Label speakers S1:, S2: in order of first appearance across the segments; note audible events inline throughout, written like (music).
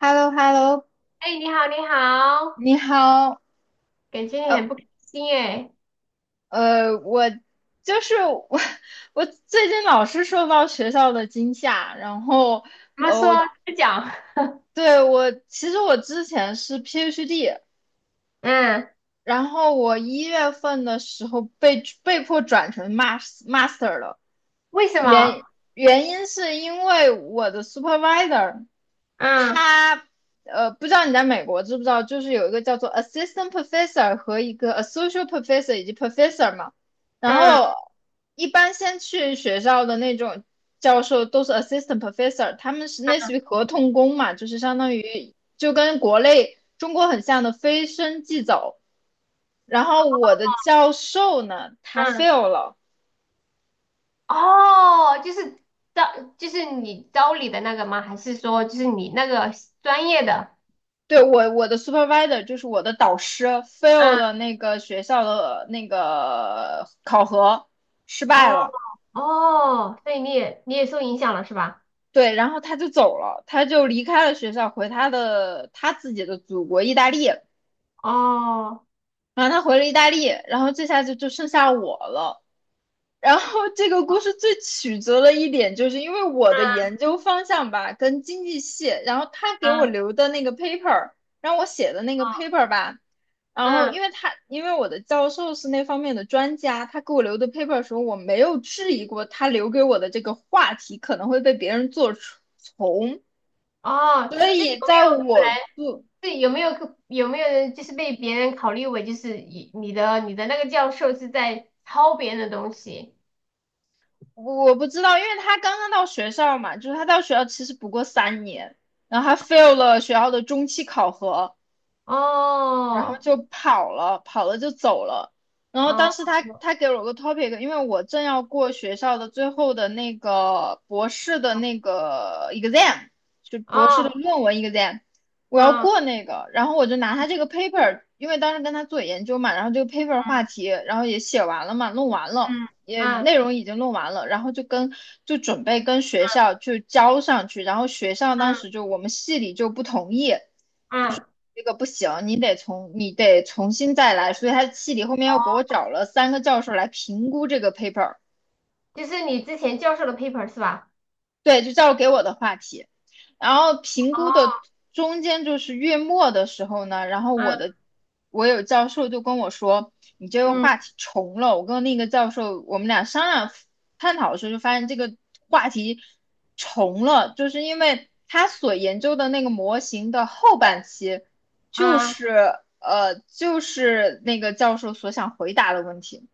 S1: h e l l o h e l l o
S2: 哎，你好，你好，
S1: 你好，
S2: 感觉你
S1: 呃
S2: 很不开心哎。
S1: 我就是我，(laughs) 我最近老是受到学校的惊吓，然后
S2: 怎么说？
S1: 我
S2: 再讲。(laughs)
S1: 对我其实我之前是 PhD。
S2: 嗯，
S1: 然后我一月份的时候被迫转成 master 了。
S2: 为什么？
S1: 原原因是因为我的 supervisor
S2: 嗯
S1: 他不知道你在美国知不知道，就是有一个叫做 assistant professor 和一个 associate professor 以及 professor 嘛。然
S2: 嗯
S1: 后一般先去学校的那种教授都是 assistant professor，他们是类似
S2: 嗯。
S1: 于合同工嘛，就是相当于就跟国内中国很像的非升即走。然后我的教授呢，他
S2: 嗯，
S1: fail 了。
S2: 哦，就是招，就是你招你的那个吗？还是说就是你那个专业的？
S1: 对，我的 supervisor 就是我的导师 fail
S2: 嗯，
S1: 了那个学校的那个考核，失败
S2: 哦
S1: 了。
S2: 哦，所以你也受影响了是吧？
S1: 对，然后他就走了，他就离开了学校，回他自己的祖国意大利。
S2: 哦，
S1: 然后他回了意大利，然后这下就剩下我了。然后这个故
S2: 哦，
S1: 事最曲折的一点，就是因为我的
S2: 嗯
S1: 研究方向吧，跟经济系，然后他给我
S2: 嗯，
S1: 留的那个 paper，让我写的那个
S2: 哦，
S1: paper 吧。然后
S2: 嗯，
S1: 因为他，因为我的教授是那方面的专家，他给我留的 paper 的时候，我没有质疑过他留给我的这个话题可能会被别人做从，
S2: 哦，
S1: 所
S2: 这有
S1: 以
S2: 没
S1: 在
S2: 有可能？
S1: 我做，
S2: 是有没有有没有人就是被别人考虑为就是你的那个教授是在抄别人的东西？
S1: 我不知道，因为他刚刚到学校嘛，就是他到学校其实不过三年，然后他 fail 了学校的中期考核。然后
S2: 哦，
S1: 就跑了，跑了就走了。然后
S2: 哦，
S1: 当时他给了我个 topic，因为我正要过学校的最后的那个博士的
S2: 哦，
S1: 那个 exam，就博士的
S2: 哦，
S1: 论文 exam。我要
S2: 嗯
S1: 过那个，然后我就拿他这个 paper，因为当时跟他做研究嘛，然后这个 paper 话题，然后也写完了嘛，弄完了，
S2: 嗯
S1: 也
S2: 嗯
S1: 内容已经弄完了，然后就跟就准备跟学校去交上去，然后学校当
S2: 嗯
S1: 时就我们系里就不同意。
S2: 嗯，
S1: 这个不行，你得重新再来。所以他系里后面又给我找了三个教授来评估这个 paper。
S2: 就是你之前教授的 paper 是吧？
S1: 对，就教授给我的话题，然后评估的
S2: 哦，
S1: 中间就是月末的时候呢，然后
S2: 嗯
S1: 我有教授就跟我说，你这个
S2: 嗯
S1: 话题重了。我跟那个教授我们俩商量探讨的时候，就发现这个话题重了，就是因为他所研究的那个模型的后半期，就
S2: 嗯，
S1: 是就是那个教授所想回答的问题。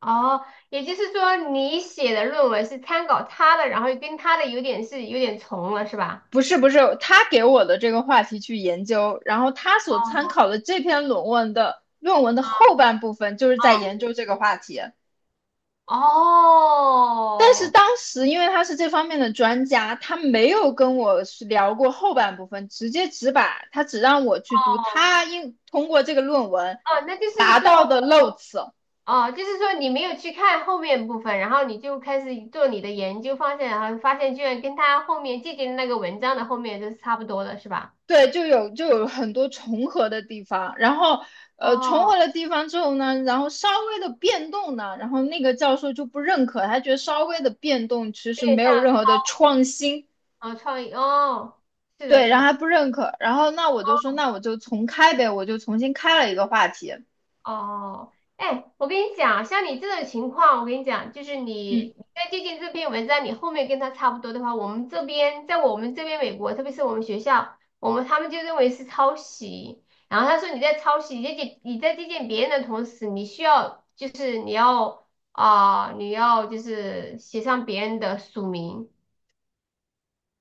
S2: 哦，也就是说你写的论文是参考他的，然后跟他的有点重了是吧？
S1: 不是不是，他给我的这个话题去研究，然后他所参
S2: 哦，
S1: 考的这篇论文的论文的后半部分就是在研
S2: 哦，
S1: 究这个话题。但是
S2: 哦，
S1: 当时因为他是这方面的专家，他没有跟我聊过后半部分，直接只把他只让我去读他应通过这个论文
S2: 哦，那就是
S1: 达
S2: 说。
S1: 到的 notes。
S2: 哦，就是说你没有去看后面部分，然后你就开始做你的研究方向，然后发现居然跟他后面借鉴的那个文章的后面就是差不多的，是吧？
S1: 对，就有很多重合的地方，然后重
S2: 哦，
S1: 合的地方之后呢，然后稍微的变动呢，然后那个教授就不认可，他觉得稍微的变动其
S2: 有
S1: 实
S2: 点
S1: 没
S2: 像，
S1: 有任何的创新。
S2: 哦，创意哦，是的，
S1: 对，
S2: 是
S1: 然后
S2: 的，
S1: 他不认可，然后那我就说
S2: 哦，
S1: 那我就重开呗，我就重新开了一个话题。
S2: 哦，哎，我跟你讲，像你这种情况，我跟你讲，就是
S1: 嗯，
S2: 你在借鉴这篇文章，你后面跟他差不多的话，我们这边在我们这边美国，特别是我们学校，他们就认为是抄袭。然后他说你在抄袭，你在借鉴别人的同时，你需要就是你要就是写上别人的署名。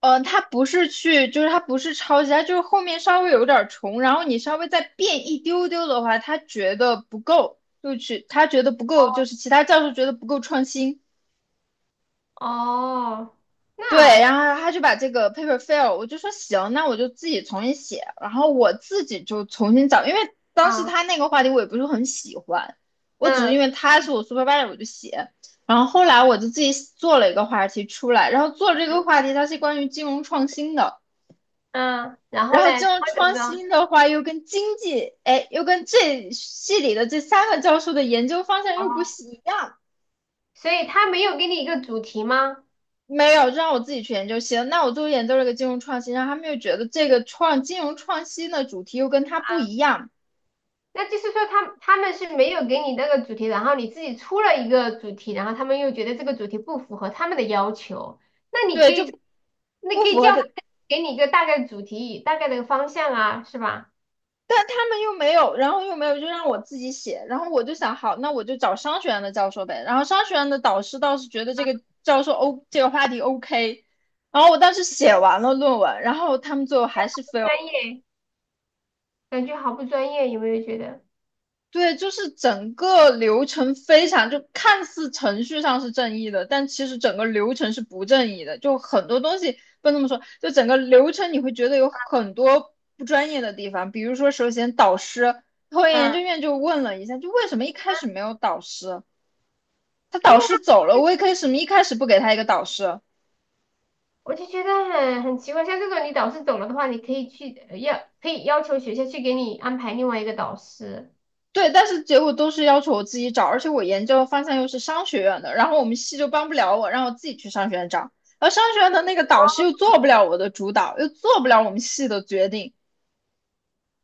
S1: 他不是去，就是他不是抄袭，他就是后面稍微有点儿重，然后你稍微再变一丢丢的话，他觉得不够，就去他觉得不够，就是其他教授觉得不够创新。
S2: 哦，
S1: 对，
S2: 那
S1: 然后他就把这个 paper fail，我就说行，那我就自己重新写，然后我自己就重新找，因为当时
S2: 啊，
S1: 他那个话题我也不是很喜欢，我只是
S2: 嗯
S1: 因为他是我 supervisor 我就写。然后后来我就自己做了一个话题出来，然后做这个话题它是关于金融创新的。
S2: 嗯，然后
S1: 然
S2: 嘞，
S1: 后
S2: 然
S1: 金融
S2: 后怎么
S1: 创
S2: 着？
S1: 新的话又跟经济，哎，又跟这系里的这三个教授的研究方向又不一
S2: 哦，
S1: 样。
S2: 所以他没有给你一个主题吗？
S1: 没有，就让我自己去研究行。那我就研究了个金融创新，然后他们又觉得这个金融创新的主题又跟它不一样。
S2: 那就是说他们是没有给你那个主题，然后你自己出了一个主题，然后他们又觉得这个主题不符合他们的要求，那你可
S1: 对，
S2: 以，
S1: 就
S2: 那
S1: 不
S2: 可以
S1: 符合
S2: 叫他
S1: 的。
S2: 给你一个大概的主题，大概的方向啊，是吧？
S1: 但他们又没有，然后又没有，就让我自己写。然后我就想，好，那我就找商学院的教授呗。然后商学院的导师倒是觉得这
S2: 啊，
S1: 个教授 O 这个话题 OK。然后我当时写完了论文，然后他们最后还是 fail。
S2: 专业，感觉好不专业，有没有觉得？
S1: 对，就是整个流程非常，就看似程序上是正义的，但其实整个流程是不正义的。就很多东西不能这么说，就整个流程你会觉得有很多不专业的地方。比如说，首先导师，后来研
S2: 嗯，
S1: 究院就问了一下，就为什么一开始没有导师？他
S2: 对
S1: 导
S2: 呀，
S1: 师走了，为什么一开始不给他一个导师？
S2: 我就觉得很奇怪，像这种你导师走了的话，你可以可以要求学校去给你安排另外一个导师。
S1: 对，但是结果都是要求我自己找，而且我研究的方向又是商学院的，然后我们系就帮不了我，让我自己去商学院找，而商学院的那个导师又做不了我的主导，又做不了我们系的决定。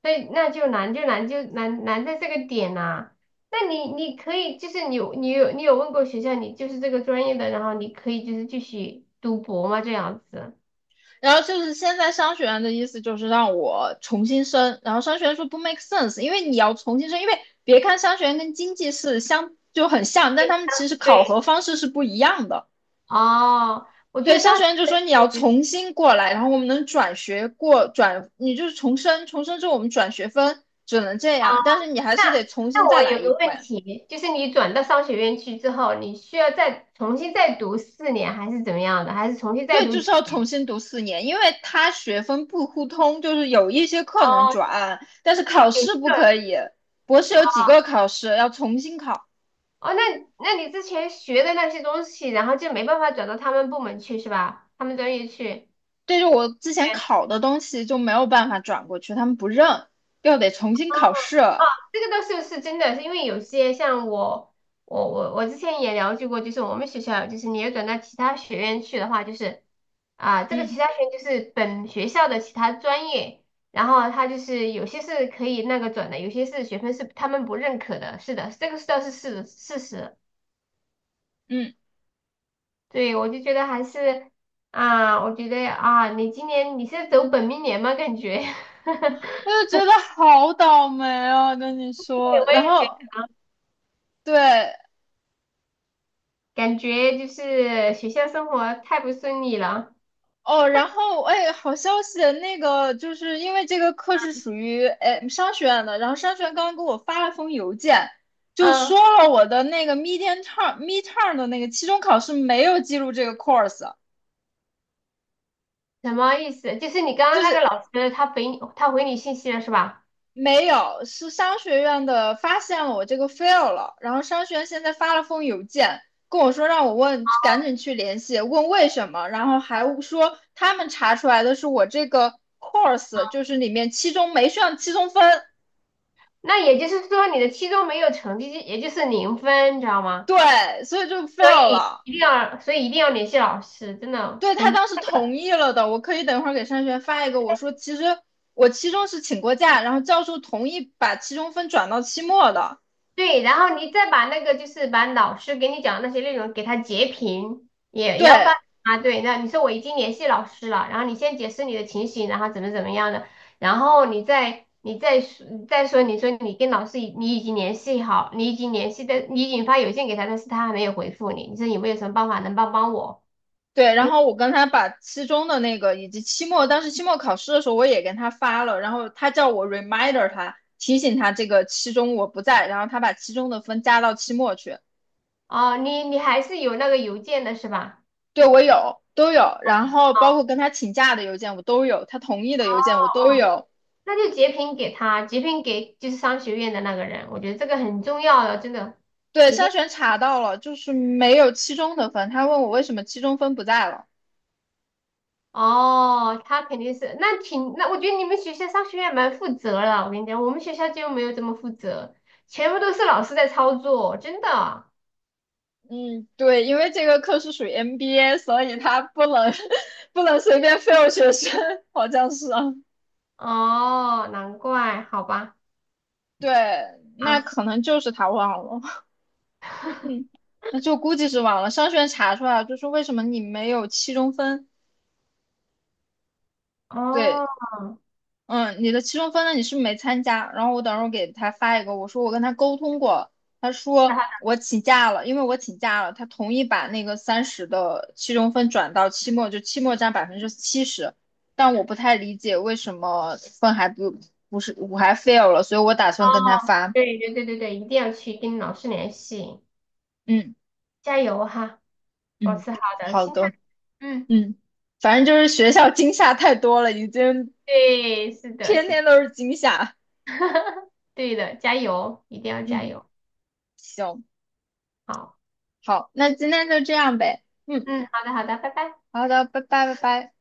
S2: 所以那就难在这个点呐、那你可以就是你有问过学校，你就是这个专业的，然后你可以就是继续读博吗？这样子？
S1: 然后就是现在商学院的意思就是让我重新申，然后商学院说不 make sense，因为你要重新申，因为别看商学院跟经济是相就很像，但
S2: 对，
S1: 他们其实考核
S2: 对，
S1: 方式是不一样的。
S2: 哦，我觉
S1: 对，
S2: 得
S1: 商
S2: 商
S1: 学
S2: 学
S1: 院就说你要
S2: 院，
S1: 重新过来，然后我们能转学过转，你就是重生之后我们转学分只能这
S2: 哦，
S1: 样，但是你还
S2: 那
S1: 是得重新
S2: 那
S1: 再
S2: 我
S1: 来
S2: 有
S1: 一
S2: 个问
S1: 遍。
S2: 题，就是你转到商学院去之后，你需要再重新再读四年，还是怎么样的？还是重新再
S1: 对，
S2: 读
S1: 就
S2: 几？
S1: 是要重新读四年，因为他学分不互通，就是有一些课能
S2: 哦，
S1: 转，但是考
S2: 有一
S1: 试不
S2: 个，
S1: 可以。博士有几个考试要重新考，
S2: 哦，那你之前学的那些东西，然后就没办法转到他们部门去是吧？他们专业去？
S1: 对着我之前考的东西就没有办法转过去，他们不认，又得重新考试。
S2: 啊，这个倒是真的，是因为有些像我，我之前也了解过，就是我们学校，就是你要转到其他学院去的话，就是啊、这个其
S1: 嗯
S2: 他学院就是本学校的其他专业，然后它就是有些是可以那个转的，有些是学分是他们不认可的，是的，这个倒是事实。
S1: 嗯。
S2: 对，我就觉得还是啊、我觉得啊，你今年你是走本命年吗？感觉，(laughs)
S1: 我就觉得好倒霉啊，跟你
S2: 对，
S1: 说。
S2: 我也
S1: 然
S2: 觉
S1: 后
S2: 得，
S1: 对
S2: 感觉就是学校生活太不顺利了。
S1: 哦，然后哎，好消息，那个就是因为这个课是属于哎商学院的，然后商学院刚刚给我发了封邮件，就
S2: 嗯。
S1: 说了我的那个 mid term 的那个期中考试没有记录这个 course。
S2: 什么意思？就是你刚刚
S1: 就
S2: 那个
S1: 是
S2: 老师，他回你信息了是吧？
S1: 没有，是商学院的发现了我这个 fail 了，然后商学院现在发了封邮件跟我说让我问，赶紧去联系，问为什么，然后还说他们查出来的是我这个 course 就是里面期中没上期中分。
S2: 那也就是说你的期中没有成绩，也就是零分，你知道吗？
S1: 对，所以就
S2: 所
S1: fail
S2: 以
S1: 了。
S2: 一定要，所以一定要联系老师，真的
S1: 对，他
S2: 很
S1: 当时同意了的，我可以等会儿给商学院发一个，我说其实我期中是请过假，然后教授同意把期中分转到期末的。
S2: 对，然后你再把那个就是把老师给你讲的那些内容给他截屏，也
S1: 对。
S2: 要发啊。对，那你说我已经联系老师了，然后你先解释你的情形，然后怎么样的，然后你再说，你说你跟老师你已经联系好，你已经联系的，你已经发邮件给他，但是他还没有回复你，你说有没有什么办法能帮帮我？
S1: 对，
S2: 因
S1: 然
S2: 为
S1: 后我跟他把期中的那个以及期末，当时期末考试的时候我也跟他发了，然后他叫我 reminder 他提醒他这个期中我不在，然后他把期中的分加到期末去。
S2: 哦，你还是有那个邮件的是吧？
S1: 对，我有都有，然后
S2: 哦，
S1: 包括跟他请假的邮件我都有，他同意的邮件我都有。
S2: 那就截屏给就是商学院的那个人，我觉得这个很重要的，真的。
S1: 对，
S2: 一
S1: 筛
S2: 定。
S1: 选查到了，就是没有期中的分，他问我为什么期中分不在了。
S2: 哦，他肯定是，那挺，那我觉得你们学校商学院蛮负责了。我跟你讲，我们学校就没有这么负责，全部都是老师在操作，真的。
S1: 嗯，对，因为这个课是属于 MBA，所以他不能 (laughs) 不能随便 fail 学生，好像是啊。
S2: 哦，难怪，好吧。
S1: 对，那
S2: 啊，
S1: 可能就是他忘了，(laughs) 嗯，那就估计是忘了。商学院查出来了，就是为什么你没有期中分？
S2: 哦，
S1: 对，
S2: (laughs)，
S1: 嗯，你的期中分呢，你是没参加。然后我等会儿给他发一个，我说我跟他沟通过，他
S2: 那
S1: 说
S2: 好的，
S1: 我请假了，因为我请假了，他同意把那个30的期中分转到期末，就期末占70%。但我不太理解为什么分还不不是我还 fail 了，所以我打算跟他
S2: 哦，
S1: 发。
S2: 对对对对对，一定要去跟老师联系，
S1: 嗯
S2: 加油哈，保
S1: 嗯，
S2: 持好的
S1: 好
S2: 心态。
S1: 的。
S2: 嗯，
S1: 嗯，反正就是学校惊吓太多了，已经
S2: 对，是的，
S1: 天
S2: 是
S1: 天都是惊吓。
S2: 对的，加油，一定要加
S1: 嗯，
S2: 油。
S1: 行，
S2: 好，
S1: 好，那今天就这样呗。嗯，
S2: 嗯，好的，好的，拜拜。
S1: 好的，拜拜，拜拜。